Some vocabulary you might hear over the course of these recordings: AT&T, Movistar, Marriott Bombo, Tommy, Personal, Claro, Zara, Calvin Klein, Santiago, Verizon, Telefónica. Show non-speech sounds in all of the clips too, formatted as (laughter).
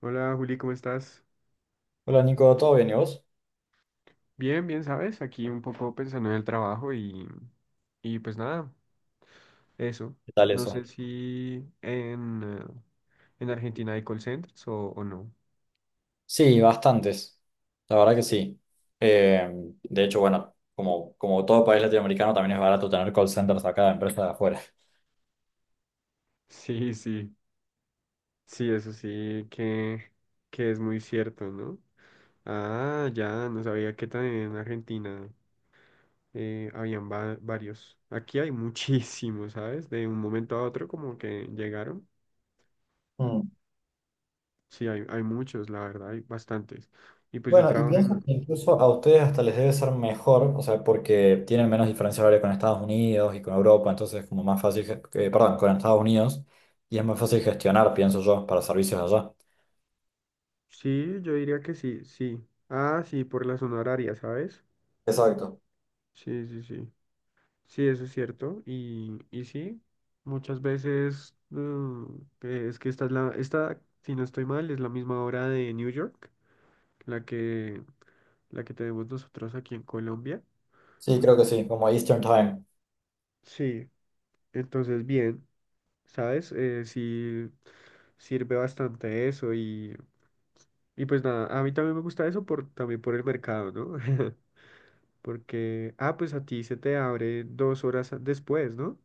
Hola Juli, ¿cómo estás? Hola Nico, ¿todo bien y vos? Bien, bien, ¿sabes? Aquí un poco pensando en el trabajo y pues nada, eso. ¿Qué tal No sé eso? si en Argentina hay call centers o no. Sí, bastantes, la verdad que sí. Eh, de hecho, bueno, como todo país latinoamericano, también es barato tener call centers acá de empresas de afuera. (laughs) Sí, sí, sí, eso sí que es muy cierto, ¿no? Ah, ya, no sabía que también en Argentina habían varios. Aquí hay (laughs) muchísimos, ¿sabes? De un momento a otro como que llegaron. Mm. Sí, hay muchos, la verdad, hay bastantes. Y pues yo Bueno, y trabajo pienso en. que incluso a ustedes hasta les debe ser mejor, o sea, porque tienen menos diferencia horaria con Estados Unidos y con Europa, entonces es como más fácil, perdón, con Estados Unidos, y es más fácil gestionar, pienso yo, para servicios allá. Sí, yo diría que sí, sí. Ah, sí, por la zona horaria, ¿sabes? Exacto. Sí, sí, sí. Sí, eso es cierto. Y sí, muchas veces que es que esta es esta, si no estoy mal, es la misma hora de New York, la que, la que tenemos nosotros aquí en Colombia. Sí, creo que sí, como Eastern Time. Sí, entonces bien, ¿sabes? Sí sirve bastante eso y pues nada, a mí también me gusta eso también por el mercado, ¿no? (laughs) Porque, ah, pues a ti se te abre 2 horas después, ¿no?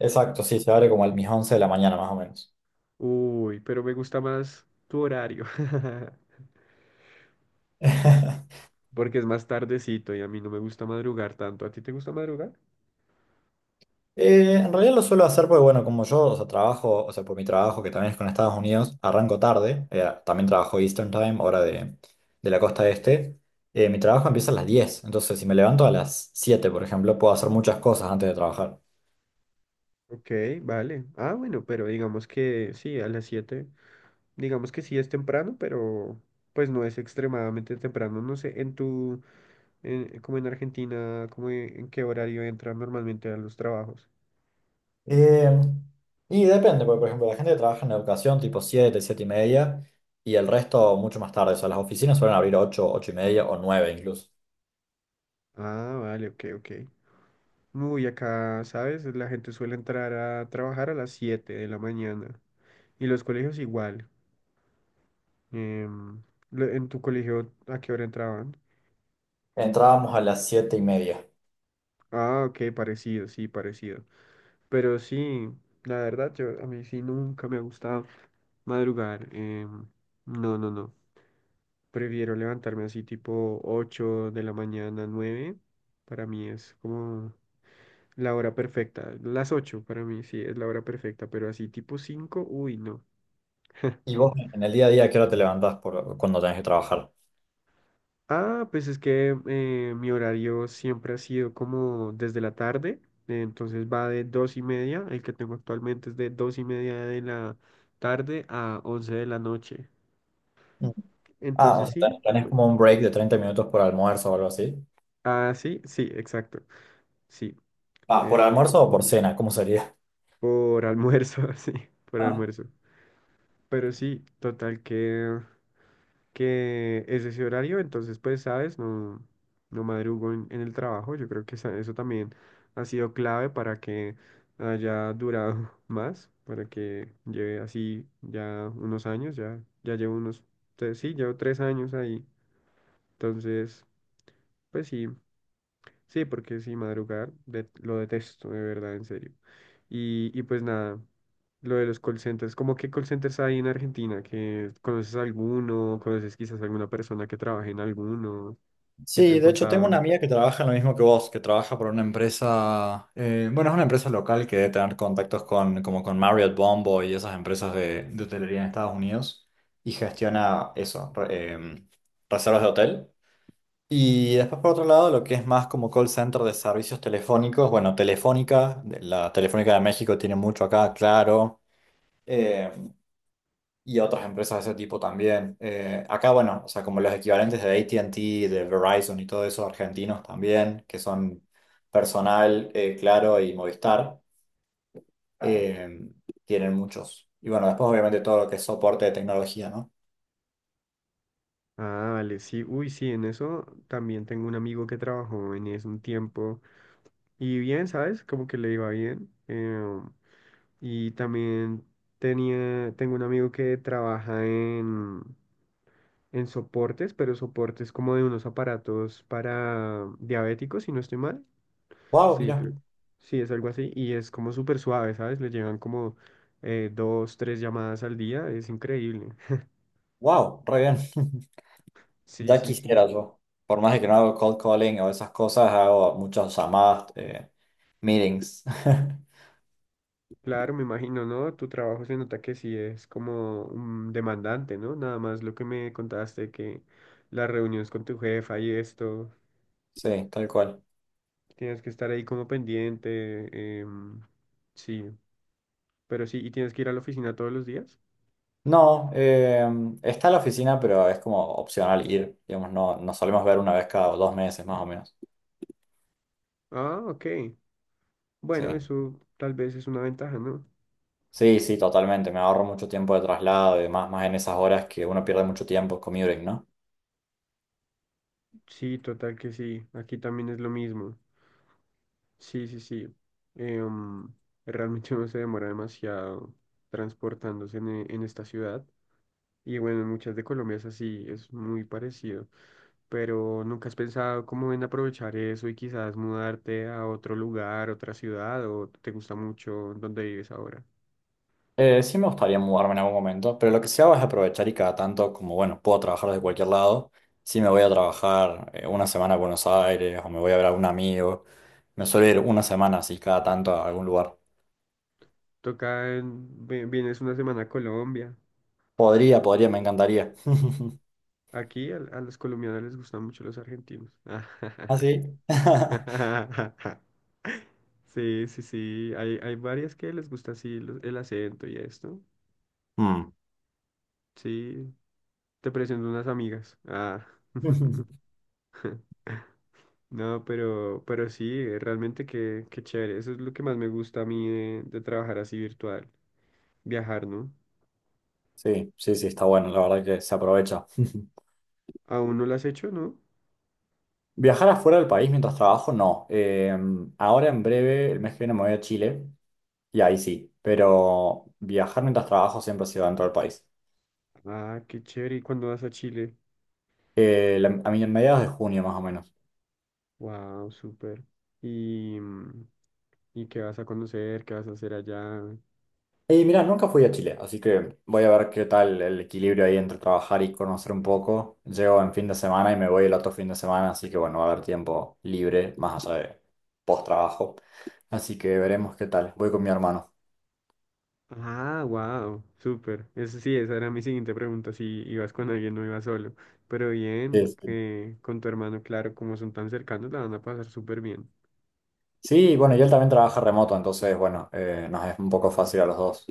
Exacto, sí, se abre como a mis 11 de la mañana más o menos. Uy, pero me gusta más tu horario, (laughs) (laughs) porque es más tardecito y a mí no me gusta madrugar tanto. ¿A ti te gusta madrugar? En realidad lo suelo hacer porque, bueno, como yo, o sea, trabajo, o sea, por mi trabajo, que también es con Estados Unidos, arranco tarde, también trabajo Eastern Time, hora de la costa este, mi trabajo empieza a las 10, entonces si me levanto a las 7, por ejemplo, puedo hacer muchas cosas antes de trabajar. Ok, vale. Ah, bueno, pero digamos que sí, a las 7 digamos que sí es temprano, pero pues no es extremadamente temprano. No sé, como en Argentina, como en qué horario entran normalmente a los trabajos. Eh, y depende, porque, por ejemplo, la gente que trabaja en educación, tipo 7, 7 y media, y el resto mucho más tarde, o sea, las oficinas suelen abrir 8, 8 y media o 9 incluso. Ah, vale, ok, ok. Uy, acá, ¿sabes? La gente suele entrar a trabajar a las 7 de la mañana. Y los colegios igual. Em, ¿En tu colegio a qué hora entraban? Entrábamos a las 7 y media. Ah, ok, parecido, sí, parecido. Pero sí, la verdad, yo, a mí sí nunca me ha gustado madrugar. No, no, no. Prefiero levantarme así tipo 8 de la mañana, 9. Para mí es como la hora perfecta. Las 8 para mí sí es la hora perfecta, pero así tipo 5, uy, no. ¿Y vos en el día a día, a qué hora te levantás por, cuando tenés que trabajar? Ah, pues es que mi horario siempre ha sido como desde la tarde, entonces va de 2:30, el que tengo actualmente es de 2:30 de la tarde a 11 de la noche. Ah, o Entonces sea, tenés sí, tenés como un break de 30 minutos por almuerzo o algo así. ah, sí, sí, exacto, sí, Ah, ¿por el, almuerzo o por cena? ¿Cómo sería? por almuerzo, (laughs) sí, por Ah. almuerzo. Pero sí, total que es ese horario, entonces pues sabes, no, no madrugo en el trabajo, yo creo que eso también ha sido clave para que haya durado (laughs) más, para que lleve así ya unos años, ya, ya llevo sí, llevo 3 años ahí, entonces pues sí, sí, porque sí, madrugar lo detesto, de verdad, en serio. Y pues nada, lo de los call centers, ¿cómo qué call centers hay en Argentina? ¿Que conoces alguno? ¿Conoces quizás alguna persona que trabaje en alguno? ¿Que te Sí, han de hecho tengo una contado? amiga que trabaja en lo mismo que vos, que trabaja por una empresa, bueno, es una empresa local que debe tener contactos con, como con Marriott Bombo y esas empresas de hotelería en Estados Unidos y gestiona eso, reservas de hotel. Y después por otro lado, lo que es más como call center de servicios telefónicos, bueno, Telefónica, de- la Telefónica de México tiene mucho acá, claro. eh, Y otras empresas de ese tipo también. Acá, bueno, o sea, como los equivalentes de AT&T, de Verizon y todo eso, argentinos también, que son Personal, Claro y Movistar, eh, tienen muchos. Y bueno, después obviamente todo lo que es soporte de tecnología, ¿no? Ah, vale, sí, uy, sí, en eso también tengo un amigo que trabajó en eso un tiempo y bien, ¿sabes? Como que le iba bien. Y también tengo un amigo que trabaja en soportes, pero soportes como de unos aparatos para diabéticos, si no estoy mal. ¡Wow! Sí, Mira, creo. Sí, es algo así. Y es como súper suave, ¿sabes? Le llegan como dos, tres llamadas al día. Es increíble. ¡wow! Re bien. (laughs) Sí, Ya sí, sí. quisiera yo. Por más de que no hago cold calling o esas cosas, hago muchas llamadas, meetings. (laughs) Claro, me imagino, ¿no? Tu trabajo se nota que sí es como demandante, ¿no? Nada más lo que me contaste, que las reuniones con tu jefa y esto, Sí, tal cual. tienes que estar ahí como pendiente. Sí, pero sí, y tienes que ir a la oficina todos los días. No, está la oficina, pero es como opcional ir, digamos, no, nos solemos ver una vez cada 2 meses más o menos. Ah, ok. Sí, Bueno, eso tal vez es una ventaja, ¿no? sí, sí, totalmente, me ahorro mucho tiempo de traslado y demás, más en esas horas que uno pierde mucho tiempo commuting, ¿no? Sí, total que sí. Aquí también es lo mismo. Sí, sí, sí. Em, Realmente (laughs) no se demora demasiado transportándose en esta ciudad. Y bueno, en muchas de Colombia es así, es muy parecido. Pero ¿nunca has pensado cómo en aprovechar eso y quizás mudarte a otro lugar, otra ciudad, o te gusta mucho donde vives ahora? Sí me gustaría mudarme en algún momento, pero lo que sí hago es aprovechar y cada tanto, como bueno, puedo trabajar desde cualquier lado, sí me voy a trabajar una semana a Buenos Aires o me voy a ver a algún amigo, me suelo ir una semana así cada tanto a algún lugar. Toca vienes una semana a Colombia. Podría, podría, me encantaría. Aquí a los colombianos les gustan mucho los argentinos. (laughs) (laughs) Así. (laughs) Sí, sí, sí. Hay varias que les gusta así el acento y esto. (laughs) Sí, te presento unas amigas. Ah. (laughs) (laughs) No, pero sí, realmente qué chévere. Eso es lo que más me gusta a mí de trabajar así virtual. Viajar, ¿no? Sí, sí, sí, está bueno, la verdad que se aprovecha. ¿Aún no lo has hecho, no? (laughs) Viajar afuera del país mientras trabajo, no. Ahora en breve, el mes que viene me voy a Chile y ahí sí, pero viajar mientras trabajo siempre ha sido dentro del país. Ah, qué chévere. ¿Y cuándo vas a Chile? La- a mí en mediados de junio más o menos. Wow, súper. ¿Y, mm, y qué vas a conocer? ¿Qué vas a hacer allá? Y mira, nunca fui a Chile, así que voy a ver qué tal el equilibrio ahí entre trabajar y conocer un poco. Llego en fin de semana y me voy el otro fin de semana, así que bueno, va a haber tiempo libre más allá de post trabajo. Así que veremos qué tal. Voy con mi hermano. Ah, wow, súper. Eso sí, esa era mi siguiente pregunta, si ibas con alguien o ibas solo. Pero bien, Sí, sí. que con tu hermano, claro, como son tan cercanos, la van a pasar súper bien. Sí, bueno, y él también trabaja remoto, entonces, bueno, nos es un poco fácil a los dos.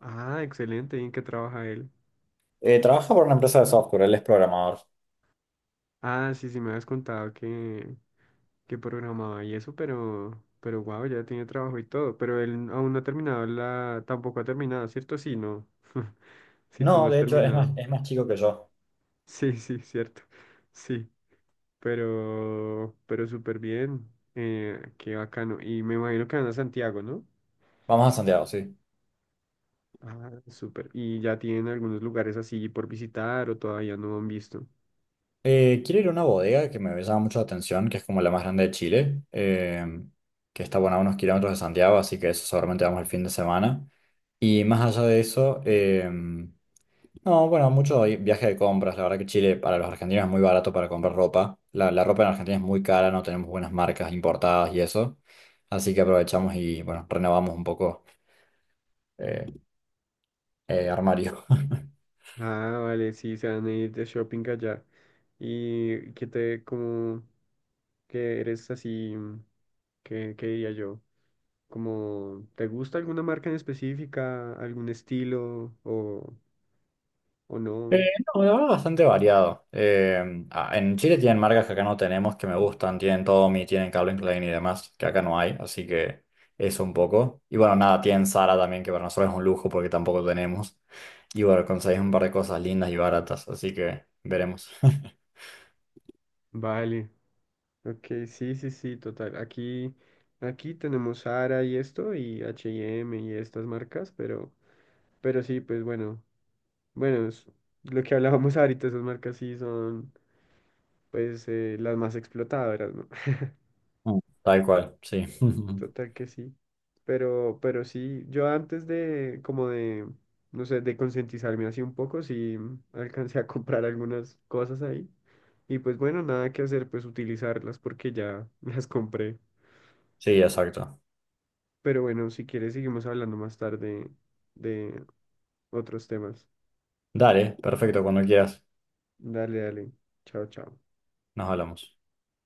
Ah, excelente, ¿y en qué trabaja él? Trabaja por una empresa de software, él es programador. Ah, sí, sí me habías contado que programaba y eso, pero wow, ya tiene trabajo y todo. Pero él aún no ha terminado tampoco ha terminado, ¿cierto? Sí, no. (laughs) Si tú no No, has de hecho, terminado. es más chico que yo. Sí, sí, cierto. Sí. Pero súper bien. Qué bacano. Y me imagino que van a Santiago, ¿no? Vamos a Santiago, sí. Ah, súper. ¿Y ya tienen algunos lugares así por visitar o todavía no han visto? Quiero ir a una bodega que me llama mucho la atención, que es como la más grande de Chile, que está, bueno, a unos kilómetros de Santiago, así que eso seguramente vamos el fin de semana. Y más allá de eso, no, bueno, mucho viaje de compras. La verdad que Chile para los argentinos es muy barato para comprar ropa. La ropa en Argentina es muy cara, no tenemos buenas marcas importadas y eso. Así que aprovechamos y, bueno, renovamos un poco eh, armario. (laughs) Ah, vale, sí, se van a ir de shopping allá. ¿Y qué te, como, que eres así, qué diría yo? Como, ¿te gusta alguna marca en específica, algún estilo o Eh, no? no, la verdad, bastante variado. Ah, en Chile tienen marcas que acá no tenemos, que me gustan. Tienen Tommy, tienen Calvin Klein y demás, que acá no hay. Así que eso un poco. Y bueno, nada, tienen Zara también, que para nosotros es un lujo porque tampoco tenemos. Y bueno, conseguís un par de cosas lindas y baratas. Así que veremos. (laughs) Vale. Ok, sí, sí, sí, total. Aquí tenemos Zara y esto, y H&M y estas marcas, pero sí, pues bueno, bueno, es lo que hablábamos (laughs) ahorita, esas marcas sí son, pues, las más explotadoras, ¿no? (laughs) Mm. Tal cual, sí. (laughs) Total que sí. Pero sí, yo antes de, como de, no sé, de concientizarme así un poco, sí alcancé a comprar algunas cosas ahí. Y pues bueno, nada que hacer, pues utilizarlas porque ya (laughs) las compré. Sí, exacto. Pero bueno, si quieres, seguimos hablando más tarde de otros temas. Dale, perfecto, cuando quieras. Dale, dale. Chao, chao. Nos hablamos.